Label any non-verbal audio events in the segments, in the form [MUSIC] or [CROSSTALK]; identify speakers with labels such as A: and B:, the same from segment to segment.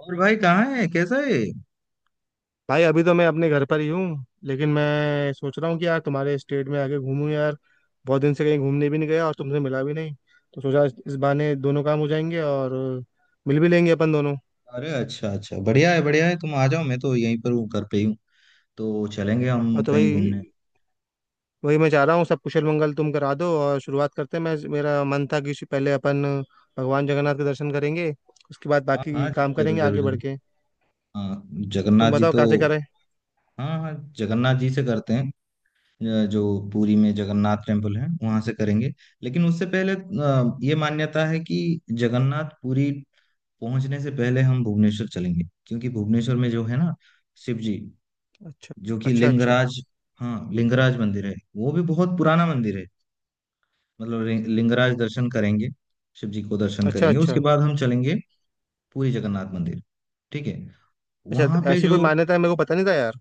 A: और भाई कहाँ है? कैसा है?
B: भाई, अभी तो मैं अपने घर पर ही हूँ, लेकिन मैं सोच रहा हूँ कि यार तुम्हारे स्टेट में आके घूमूं यार। बहुत दिन से कहीं घूमने भी नहीं गया और तुमसे मिला भी नहीं। तो सोचा इस बहाने दोनों काम हो जाएंगे और मिल भी लेंगे अपन दोनों।
A: अरे अच्छा अच्छा, बढ़िया है, बढ़िया है। तुम आ जाओ, मैं तो यहीं पर हूँ, घर पे ही हूँ। तो चलेंगे
B: और
A: हम
B: तो
A: कहीं
B: भाई
A: घूमने।
B: वही मैं चाह रहा हूँ, सब कुशल मंगल तुम करा दो और शुरुआत करते हैं। मैं, मेरा मन था कि पहले अपन भगवान जगन्नाथ के दर्शन करेंगे, उसके बाद
A: हाँ हाँ,
B: बाकी काम
A: जरूर
B: करेंगे
A: जरूर
B: आगे बढ़
A: जरूर।
B: के।
A: हाँ,
B: तो तुम
A: जगन्नाथ जी
B: बताओ
A: तो
B: कहाँ से करें।
A: हाँ हाँ, जगन्नाथ जी से करते हैं। जो पुरी में जगन्नाथ टेम्पल है वहां से करेंगे। लेकिन उससे पहले, ये मान्यता है कि जगन्नाथ पुरी पहुंचने से पहले हम भुवनेश्वर चलेंगे, क्योंकि भुवनेश्वर में जो है ना, शिव जी,
B: अच्छा,
A: जो कि
B: अच्छा, अच्छा,
A: लिंगराज। हाँ, लिंगराज मंदिर है, वो भी बहुत पुराना मंदिर है। मतलब लिंगराज दर्शन करेंगे, शिव जी को दर्शन
B: अच्छा,
A: करेंगे।
B: अच्छा,
A: उसके बाद हम चलेंगे पूरी जगन्नाथ मंदिर। ठीक है।
B: अच्छा, तो
A: वहां पे
B: ऐसी
A: जो
B: कोई मान्यता है? मेरे को पता नहीं था यार।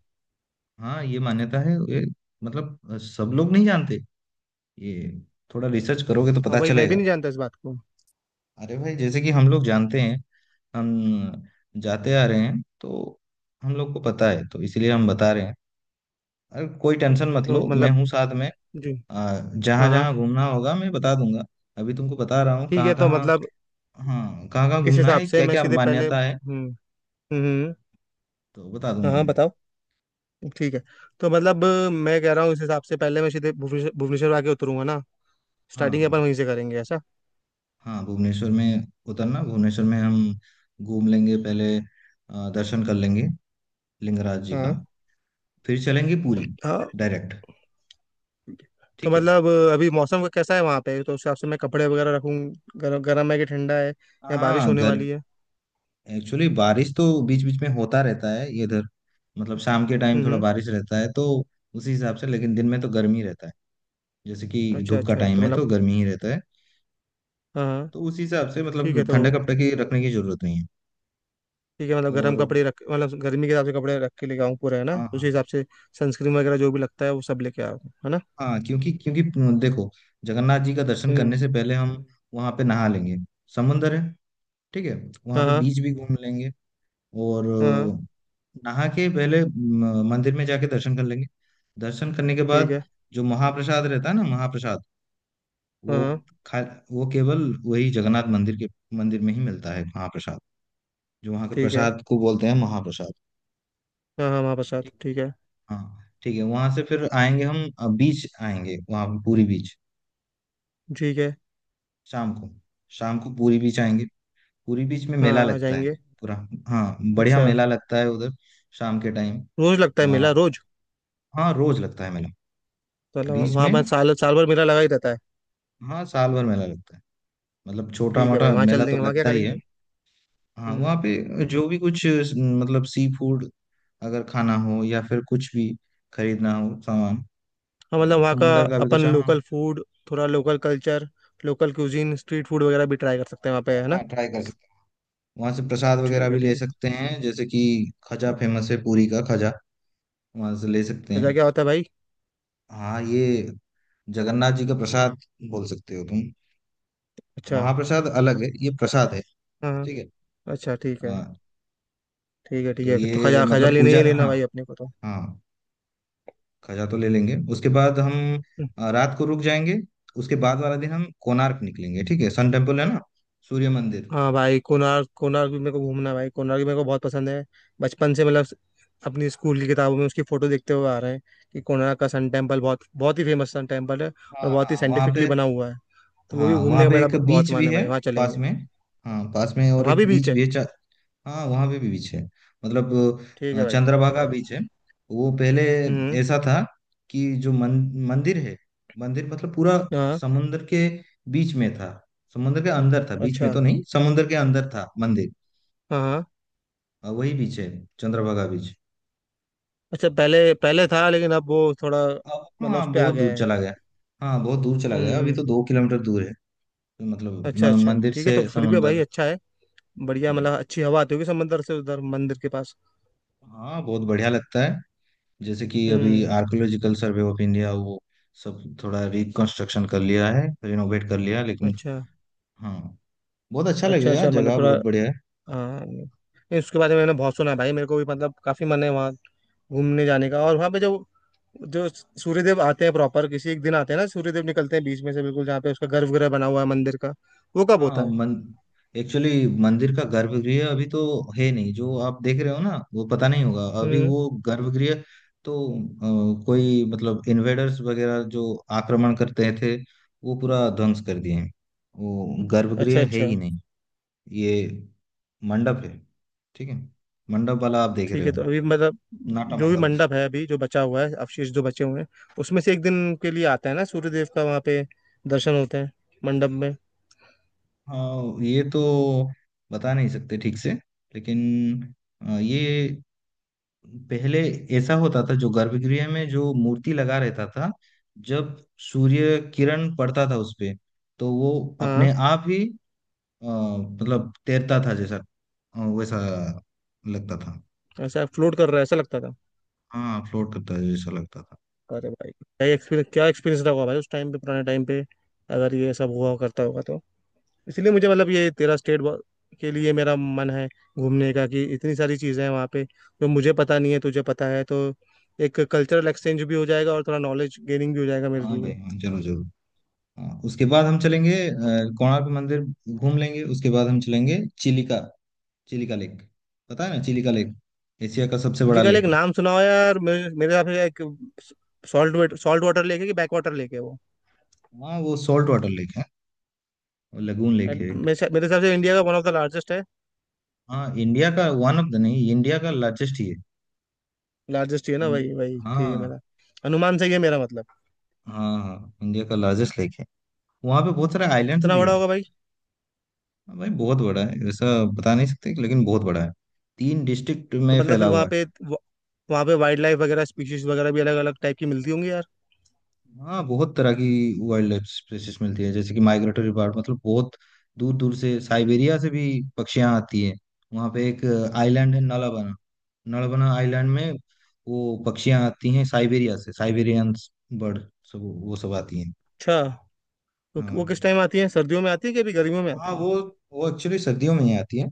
A: हाँ, ये मान्यता है। ये मतलब, सब लोग नहीं जानते ये। थोड़ा रिसर्च करोगे तो
B: हाँ
A: पता
B: भाई, मैं भी
A: चलेगा।
B: नहीं जानता इस बात को।
A: अरे भाई, जैसे कि हम लोग जानते हैं, हम जाते आ रहे हैं तो हम लोग को पता है, तो इसीलिए हम बता रहे हैं। अरे कोई टेंशन मत
B: तो
A: लो, मैं
B: मतलब
A: हूँ साथ में।
B: जी।
A: जहां
B: हाँ हाँ,
A: जहां घूमना होगा मैं बता दूंगा। अभी तुमको बता रहा हूँ
B: ठीक
A: कहाँ
B: है। तो
A: कहाँ।
B: मतलब
A: हाँ, कहाँ कहाँ
B: इस
A: घूमना
B: हिसाब
A: है,
B: से
A: क्या
B: मैं
A: क्या
B: सीधे पहले,
A: मान्यता है,
B: हम्म
A: तो बता
B: हाँ
A: दूंगा
B: हाँ
A: मैं।
B: बताओ। ठीक है। तो मतलब, मैं कह रहा हूँ इस हिसाब से पहले मैं सीधे भुवनेश्वर भुवनेश्वर आके उतरूंगा ना।
A: हाँ
B: स्टार्टिंग
A: हाँ।
B: अपन वहीं से करेंगे ऐसा।
A: हाँ, भुवनेश्वर में उतरना। भुवनेश्वर में हम घूम लेंगे, पहले दर्शन कर लेंगे लिंगराज जी का।
B: हाँ
A: फिर चलेंगे पूरी
B: हाँ।
A: डायरेक्ट।
B: तो
A: ठीक है।
B: मतलब अभी मौसम का कैसा है वहाँ पे? तो उस हिसाब से मैं कपड़े वगैरह रखूँ। गर्म गर्म है कि ठंडा है या बारिश
A: हाँ
B: होने
A: गर
B: वाली है?
A: एक्चुअली बारिश तो बीच बीच में होता रहता है इधर। मतलब शाम के टाइम थोड़ा
B: हम्म
A: बारिश रहता है, तो उसी हिसाब से। लेकिन दिन में तो गर्मी रहता है। जैसे कि
B: अच्छा
A: धूप का
B: अच्छा, तो
A: टाइम है
B: मतलब
A: तो गर्मी ही रहता है।
B: हाँ हाँ
A: तो उसी हिसाब से,
B: ठीक है।
A: मतलब
B: तो
A: ठंडा कपड़ा की रखने की जरूरत नहीं है।
B: ठीक है, मतलब
A: और
B: गर्म कपड़े रख, मतलब गर्मी के हिसाब से कपड़े रख के लेके आऊँ पूरे, है ना,
A: हाँ
B: उसी
A: हाँ।
B: हिसाब से। सनस्क्रीन वगैरह जो भी लगता है वो सब लेके आऊँ, है ना।
A: हाँ, क्योंकि क्योंकि देखो, जगन्नाथ जी का दर्शन
B: हम्म
A: करने से पहले हम वहाँ पे नहा लेंगे। समुंदर है। ठीक है। वहाँ
B: हाँ
A: पे
B: हाँ।
A: बीच भी घूम लेंगे। और
B: हाँ हाँ,
A: नहा के पहले मंदिर में जाके दर्शन कर लेंगे। दर्शन करने के
B: ठीक
A: बाद
B: है।
A: जो महाप्रसाद रहता है ना, महाप्रसाद,
B: हाँ
A: वो
B: हाँ
A: खा। वो केवल वही जगन्नाथ मंदिर के मंदिर में ही मिलता है महाप्रसाद। जो वहाँ के
B: ठीक है।
A: प्रसाद को बोलते हैं महाप्रसाद।
B: हाँ हाँ, हमारे साथ
A: ठीक।
B: ठीक है।
A: हाँ ठीक है, वहाँ से फिर आएंगे हम। बीच आएंगे, वहाँ पूरी बीच।
B: ठीक है।
A: शाम को, शाम को पूरी बीच आएंगे। पूरी बीच में
B: हाँ
A: मेला
B: हाँ, आ
A: लगता है
B: जाएंगे।
A: पूरा। हाँ, बढ़िया
B: अच्छा।
A: मेला लगता है उधर, शाम के टाइम।
B: रोज लगता है मेला,
A: हाँ
B: रोज?
A: हाँ, रोज लगता है मेला।
B: तो मतलब
A: बीच
B: वहाँ
A: में
B: वहाँ साल साल भर मेला लगा ही रहता है।
A: हाँ, साल भर मेला लगता है। मतलब छोटा
B: ठीक है भाई,
A: मोटा
B: वहाँ
A: मेला
B: चल
A: तो
B: देंगे, वहाँ क्या
A: लगता ही है।
B: करेंगे?
A: हाँ, वहाँ
B: हम्म
A: पे जो भी कुछ, मतलब सी फूड अगर खाना हो, या फिर कुछ भी खरीदना हो सामान।
B: हाँ मतलब
A: हाँ,
B: वहाँ का,
A: समुंदर का भी
B: अपन
A: कच्चा हाँ।
B: लोकल फूड, थोड़ा local culture, local cuisine, street food वगैरह भी ट्राई कर सकते हैं वहाँ पे है ना।
A: हाँ, ट्राई कर सकते हैं। वहाँ से प्रसाद वगैरह
B: ठीक है,
A: भी ले
B: ठीक है।
A: सकते हैं, जैसे कि खजा। फेमस है पूरी का खजा, वहाँ से ले सकते
B: खजा
A: हैं।
B: क्या होता है भाई?
A: हाँ, ये जगन्नाथ जी का प्रसाद बोल सकते हो तुम।
B: अच्छा।
A: महाप्रसाद अलग है, ये प्रसाद है।
B: हाँ हाँ।
A: ठीक है।
B: अच्छा ठीक है।
A: हाँ,
B: ठीक है ठीक
A: तो
B: है, तो
A: ये
B: खजा, खजा
A: मतलब
B: लेना
A: पूजा,
B: ही लेना
A: हाँ
B: भाई अपने को तो।
A: हाँ, खजा तो ले लेंगे। उसके बाद हम रात को रुक जाएंगे। उसके बाद वाला दिन हम कोणार्क निकलेंगे, ठीक है? सन टेम्पल है ना, सूर्य मंदिर।
B: हाँ भाई, कोणार्क, कोणार्क भी मेरे को घूमना है भाई, कोणार्क भी मेरे को बहुत पसंद है। बचपन से, मतलब अपनी स्कूल की किताबों में उसकी फोटो देखते हुए आ रहे हैं कि कोणार्क का सन टेम्पल बहुत, बहुत ही फेमस सन टेम्पल है
A: हाँ
B: और बहुत ही
A: हाँ, वहाँ पे
B: साइंटिफिकली बना हुआ है। तो वो
A: हाँ,
B: भी घूमने
A: वहाँ
B: का
A: पे
B: मेरा
A: एक
B: बहुत
A: बीच
B: मन
A: भी
B: है
A: है,
B: भाई, वहाँ
A: पास
B: चलेंगे।
A: में। हाँ, पास में और
B: वहाँ
A: एक
B: भी बीच
A: बीच
B: है?
A: भी है। हाँ, वहाँ पे भी बीच है। मतलब
B: ठीक है भाई।
A: चंद्रभागा बीच है। वो पहले
B: हम्म
A: ऐसा था कि जो मंदिर है, मंदिर मतलब पूरा
B: हाँ।
A: समुंदर के बीच में था। समुंदर के अंदर था, बीच में
B: अच्छा।
A: तो नहीं, समुंदर के अंदर था मंदिर।
B: हाँ हाँ।
A: वही बीच है, चंद्रभागा बीच।
B: अच्छा, पहले पहले था, लेकिन अब वो थोड़ा,
A: अब
B: मतलब उस
A: हाँ,
B: पर आ
A: बहुत
B: गया
A: दूर
B: है।
A: चला गया। हाँ, बहुत दूर चला गया। अभी
B: हम्म
A: तो 2 किलोमीटर दूर है। तो मतलब
B: अच्छा अच्छा
A: मंदिर
B: ठीक है,
A: से
B: तो फिर भी भाई
A: समुंदर।
B: अच्छा है। बढ़िया, मतलब अच्छी हवा आती होगी समंदर से उधर मंदिर के पास।
A: हाँ, बहुत बढ़िया लगता है। जैसे कि अभी
B: हम्म
A: आर्कियोलॉजिकल सर्वे ऑफ इंडिया वो सब थोड़ा रिकंस्ट्रक्शन कर लिया है, रिनोवेट कर लिया है, लेकिन
B: अच्छा।
A: हाँ, बहुत अच्छा
B: अच्छा
A: लगेगा,
B: अच्छा मतलब
A: जगह
B: थोड़ा,
A: बहुत बढ़िया है।
B: हाँ नहीं, उसके बारे में मैंने बहुत सुना है भाई, मेरे को भी मतलब काफी मन है वहाँ घूमने जाने का। और वहाँ पे जो जो सूर्यदेव आते हैं प्रॉपर किसी एक दिन आते हैं ना, सूर्यदेव निकलते हैं बीच में से बिल्कुल, जहाँ पे उसका गर्भगृह बना हुआ है मंदिर का। वो कब होता
A: हाँ
B: है?
A: मन, एक्चुअली मंदिर का गर्भगृह अभी तो है नहीं। जो आप देख रहे हो ना, वो पता नहीं होगा अभी,
B: हम्म
A: वो गर्भगृह तो, कोई मतलब इन्वेडर्स वगैरह जो आक्रमण करते थे, वो पूरा ध्वंस कर दिए हैं। वो
B: अच्छा
A: गर्भगृह है
B: अच्छा।
A: ही नहीं। ये मंडप है, ठीक है? मंडप वाला आप देख
B: ठीक
A: रहे
B: है,
A: हो,
B: तो अभी मतलब
A: नाटा
B: जो भी
A: मंडप।
B: मंडप है, अभी जो बचा हुआ है, अवशेष जो बचे हुए हैं, उसमें से एक दिन के लिए आता है ना सूर्यदेव का, वहाँ पे दर्शन होता है मंडप में।
A: हाँ, ये तो बता नहीं सकते ठीक से, लेकिन ये पहले ऐसा होता था, जो गर्भगृह में जो मूर्ति लगा रहता था, जब सूर्य किरण पड़ता था उस पे, तो वो अपने
B: हाँ,
A: आप ही, मतलब तैरता था जैसा, वैसा लगता था।
B: ऐसा फ्लोट कर रहा है ऐसा लगता था।
A: हाँ, फ्लोट करता था जैसा लगता था।
B: अरे भाई क्या एक्सपीरियंस, क्या एक्सपीरियंस रहा होगा भाई उस टाइम पे, पुराने टाइम पे अगर ये सब हुआ करता होगा तो। इसलिए मुझे मतलब ये तेरा स्टेट के लिए मेरा मन है घूमने का कि इतनी सारी चीज़ें हैं वहाँ पे जो मुझे पता नहीं है, तुझे पता है। तो एक कल्चरल एक्सचेंज भी हो जाएगा और थोड़ा नॉलेज गेनिंग भी हो जाएगा मेरे
A: हाँ भाई,
B: लिए।
A: हाँ जरूर जरूर। हाँ, उसके बाद हम चलेंगे कोणार्क मंदिर घूम लेंगे। उसके बाद हम चलेंगे चिलिका, चिलिका लेक। पता है ना चिलिका लेक? एशिया का सबसे बड़ा
B: इसलिए कल एक
A: लेक है।
B: नाम सुना हो यार, मेरे मेरे हिसाब से एक सॉल्ट सॉल्ट वाटर लेक है कि बैक वाटर लेक है वो।
A: हाँ, वो सॉल्ट वाटर लेक है, और लगून लेक
B: And
A: है एक।
B: मेरे हिसाब से इंडिया का वन ऑफ द लार्जेस्ट है।
A: हाँ, इंडिया का वन ऑफ द नहीं, इंडिया का लार्जेस्ट ही है।
B: लार्जेस्ट ही है ना, वही वही
A: इंडिया
B: ठीक है,
A: हाँ
B: मेरा अनुमान सही है मेरा मतलब।
A: हाँ, हाँ इंडिया का लार्जेस्ट लेक है। वहाँ पे बहुत सारे आइलैंड्स
B: कितना
A: भी है।
B: बड़ा होगा भाई?
A: हाँ भाई, बहुत बड़ा है। ऐसा बता नहीं सकते, लेकिन बहुत बड़ा है। तीन डिस्ट्रिक्ट
B: तो
A: में
B: मतलब
A: फैला
B: फिर
A: हुआ
B: वहाँ
A: है।
B: पे वहाँ पे वाइल्ड लाइफ वगैरह, स्पीशीज वगैरह भी अलग अलग टाइप की मिलती होंगी यार।
A: हाँ, बहुत तरह की वाइल्ड लाइफ स्पीसीज मिलती है। जैसे कि माइग्रेटरी बर्ड, मतलब बहुत दूर दूर से, साइबेरिया से भी पक्षियाँ आती है। वहाँ पे एक आइलैंड है नलबना, नलबना आइलैंड में वो पक्षियाँ आती हैं, साइबेरिया से, साइबेरियन बर्ड, सब वो सब आती हैं।
B: अच्छा, तो वो किस
A: हाँ
B: टाइम आती है? सर्दियों में आती है कि अभी गर्मियों में
A: हाँ,
B: आती है?
A: वो एक्चुअली सर्दियों में ही आती है।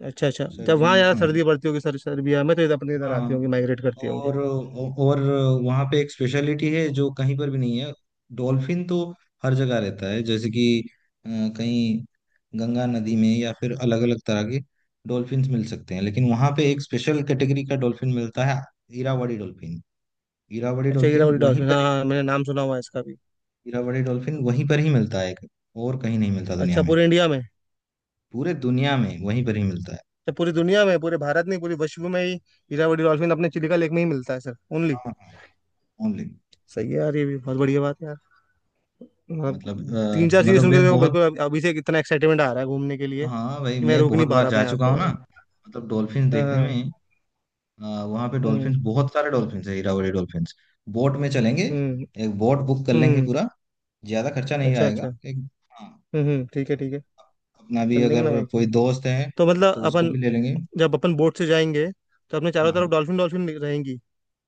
B: अच्छा अच्छा, जब
A: सर्दियों
B: वहाँ
A: में
B: यार
A: हाँ,
B: सर्दी पड़ती होगी सर सर्बिया में, तो इधर अपने इधर आती होंगी,
A: हाँ।
B: माइग्रेट करती होंगी।
A: और वहाँ पे एक स्पेशलिटी है जो कहीं पर भी नहीं है। डॉल्फिन तो हर जगह रहता है, जैसे कि अ, कहीं गंगा नदी में या फिर अलग अलग तरह के डॉल्फिन्स मिल सकते हैं, लेकिन वहाँ पे एक स्पेशल कैटेगरी का डॉल्फिन मिलता है, इरावदी डॉल्फिन। इरावदी
B: अच्छा,
A: डॉल्फिन
B: ईरावली
A: वहीं
B: डॉल्फिन, हाँ
A: पर,
B: हाँ, मैंने नाम सुना हुआ है इसका भी।
A: इरावदी डॉल्फिन वहीं पर ही मिलता है, और कहीं नहीं मिलता दुनिया
B: अच्छा,
A: में।
B: पूरे इंडिया में?
A: पूरे दुनिया में वहीं पर ही मिलता है।
B: अच्छा पूरी दुनिया में, पूरे भारत नहीं पूरे विश्व में ही ईरावली डॉल्फिन अपने चिलिका लेक में ही मिलता है सर, ओनली।
A: हाँ हाँ, ओनली।
B: सही है यार, ये भी बहुत बढ़िया बात है यार। आप,
A: मतलब
B: तीन चार चीजें
A: मतलब
B: सुन के
A: वे
B: तो मेरे को
A: बहुत,
B: बिल्कुल अभी से इतना एक्साइटमेंट आ रहा है घूमने के लिए
A: हाँ भाई,
B: कि मैं
A: मैं
B: रोक
A: बहुत
B: नहीं पा
A: बार
B: रहा
A: जा
B: अपने आप
A: चुका
B: को
A: हूँ ना।
B: भाई।
A: मतलब डॉल्फिन
B: हाँ
A: देखने
B: हाँ।
A: में, आ, वहाँ पे
B: हम्म
A: डॉल्फिन, बहुत सारे डॉल्फिन है, हीरावरी डॉल्फिन। बोट में चलेंगे,
B: हम्म
A: एक बोट बुक कर लेंगे
B: हम्म
A: पूरा। ज्यादा खर्चा नहीं
B: अच्छा
A: आएगा
B: अच्छा।
A: एक। हाँ,
B: हम्म, ठीक है ठीक है,
A: अपना भी
B: चल देंगे
A: अगर
B: ना भाई,
A: कोई
B: चलेंगे।
A: दोस्त है
B: तो मतलब
A: तो उसको
B: अपन
A: भी ले लेंगे।
B: जब अपन बोट से जाएंगे, तो अपने चारों
A: हाँ
B: तरफ
A: हाँ।
B: डॉल्फिन डॉल्फिन रहेंगी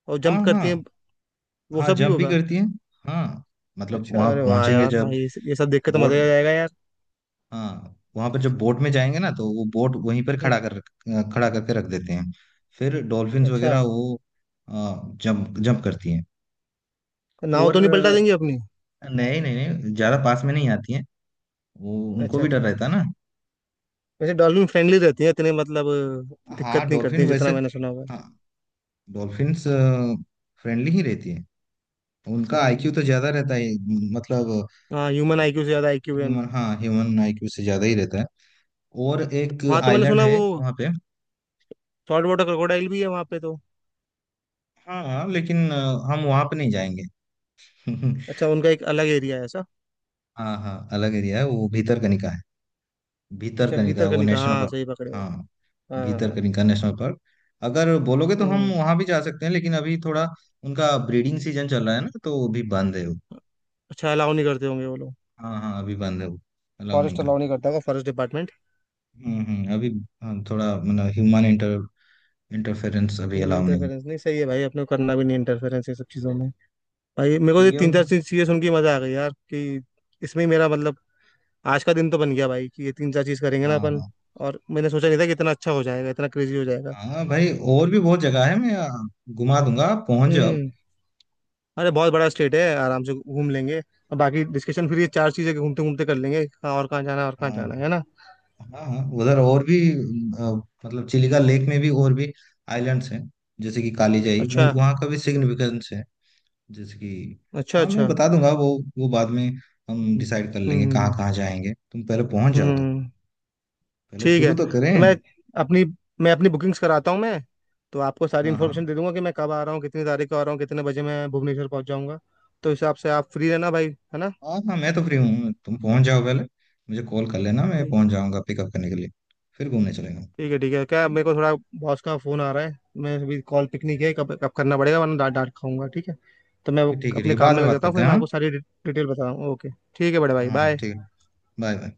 B: और
A: हाँ
B: जंप
A: हाँ।
B: करती हैं, वो
A: हाँ,
B: सब भी
A: जंप भी
B: होगा।
A: करती है। हाँ, मतलब
B: अच्छा,
A: वहाँ
B: अरे वाह
A: पहुंचेंगे
B: यार
A: जब
B: भाई, ये सब देख के तो मजा
A: बोट,
B: ही आ जाएगा यार।
A: हाँ वहाँ पर जब बोट में जाएंगे ना, तो वो बोट वहीं पर
B: हम्म,
A: खड़ा कर, खड़ा करके रख देते हैं। फिर डॉल्फिन्स
B: अच्छा,
A: वगैरह वो जंप जंप करती हैं।
B: नाव
A: और
B: तो नहीं पलटा देंगे अपनी?
A: नहीं नहीं नहीं, ज्यादा पास में नहीं आती हैं, वो उनको
B: अच्छा
A: भी डर
B: अच्छा,
A: रहता है ना।
B: वैसे डॉल्फिन फ्रेंडली रहती है इतने मतलब,
A: हाँ,
B: दिक्कत नहीं करती
A: डॉल्फिन
B: है
A: वैसे
B: जितना मैंने सुना हुआ है।
A: हाँ, डॉल्फिन्स फ्रेंडली ही रहती है। उनका आईक्यू
B: हम्म
A: तो ज्यादा रहता है। मतलब
B: हाँ, ह्यूमन आईक्यू से ज्यादा आईक्यू है
A: ह्यूमन,
B: उनका।
A: हाँ ह्यूमन आईक्यू से ज्यादा ही रहता है। और एक
B: हाँ, तो मैंने
A: आइलैंड
B: सुना
A: है
B: वो
A: वहाँ पे।
B: सॉल्ट वाटर क्रोकोडाइल भी है वहाँ पे तो?
A: हाँ हाँ, लेकिन हम वहाँ पे नहीं जाएंगे
B: अच्छा,
A: [LAUGHS]
B: उनका एक अलग एरिया है ऐसा?
A: हाँ हाँ, अलग एरिया है, वो भीतरकनिका है।
B: अच्छा,
A: भीतरकनिका
B: भीतर का
A: वो
B: निकाह,
A: नेशनल
B: हाँ
A: पार्क।
B: सही पकड़े हो।
A: हाँ,
B: हाँ।
A: भीतरकनिका नेशनल पार्क, अगर बोलोगे तो हम
B: हम्म
A: वहां भी जा सकते हैं, लेकिन अभी थोड़ा उनका ब्रीडिंग सीजन चल रहा है ना, तो वो भी बंद है वो।
B: अच्छा, अलाउ नहीं करते होंगे वो लोग।
A: हाँ हाँ, अभी बंद है वो, अलाउ नहीं
B: फॉरेस्ट अलाउ
A: करते।
B: नहीं करता होगा, फॉरेस्ट डिपार्टमेंट।
A: हम्म, अभी हाँ, थोड़ा मतलब ह्यूमन इंटर, इंटरफेरेंस अभी अलाउ नहीं,
B: इंटरफेरेंस नहीं, सही है भाई, अपने को करना भी नहीं इंटरफेरेंस ये सब चीज़ों में। भाई मेरे को ये
A: क्योंकि
B: तीन चार
A: उन,
B: चीज़ें सुन के मजा आ गई यार कि इसमें ही मेरा मतलब आज का दिन तो बन गया भाई कि ये तीन चार चीज़ करेंगे ना अपन।
A: हाँ
B: और मैंने सोचा नहीं था कि इतना अच्छा हो जाएगा, इतना क्रेजी हो जाएगा।
A: हाँ। हाँ भाई, और भी बहुत जगह है। मैं आ, घुमा दूंगा, आप पहुंच जाओ।
B: हम्म अरे बहुत बड़ा स्टेट है, आराम से घूम लेंगे और बाकी डिस्कशन फिर ये चार चीज़ें घूमते घूमते कर लेंगे, कहाँ और कहाँ जाना है और कहाँ जाना है
A: हाँ
B: है ना।
A: हाँ। हाँ, उधर और भी, आ, मतलब चिलिका लेक में भी और भी आइलैंड्स हैं, जैसे कि कालीजाई,
B: अच्छा,
A: वहाँ का भी सिग्निफिकेंस है। जैसे कि
B: अच्छा,
A: हाँ, मैं
B: अच्छा।
A: बता दूंगा वो बाद में हम
B: हम्म
A: डिसाइड कर लेंगे
B: हम्म,
A: कहाँ
B: हम्म।
A: कहाँ जाएंगे। तुम पहले पहुंच जाओ तो,
B: हम्म।
A: पहले
B: ठीक
A: शुरू
B: है।
A: तो
B: तो
A: करें।
B: मैं अपनी, मैं अपनी बुकिंग्स कराता हूँ मैं, तो आपको सारी
A: हाँ हाँ।
B: इन्फॉर्मेशन दे दूंगा कि मैं कब आ रहा हूँ, कितनी तारीख को आ रहा हूँ, कितने बजे मैं भुवनेश्वर पहुंच जाऊंगा। तो इस हिसाब से आप फ्री रहना भाई, है ना।
A: हाँ हाँ, मैं तो फ्री हूँ, तुम पहुंच जाओ पहले। मुझे कॉल कर लेना, मैं
B: ठीक,
A: पहुंच जाऊंगा पिकअप करने के लिए, फिर घूमने चलेंगे।
B: ठीक है ठीक है, क्या
A: ठीक
B: मेरे
A: है।
B: को थोड़ा बॉस का फोन आ रहा है, मैं अभी कॉल पिक नहीं किया है, कब कब करना पड़ेगा वरना डांट डांट खाऊंगा, ठीक है। तो मैं वो
A: ठीक है, ठीक है,
B: अपने काम
A: बाद
B: में
A: में
B: लग
A: बात
B: जाता हूँ,
A: करते
B: फिर मैं
A: हैं।
B: आपको सारी डिटेल बताता हूँ, ओके। ठीक है बड़े भाई,
A: हाँ हाँ
B: बाय।
A: ठीक है, बाय बाय।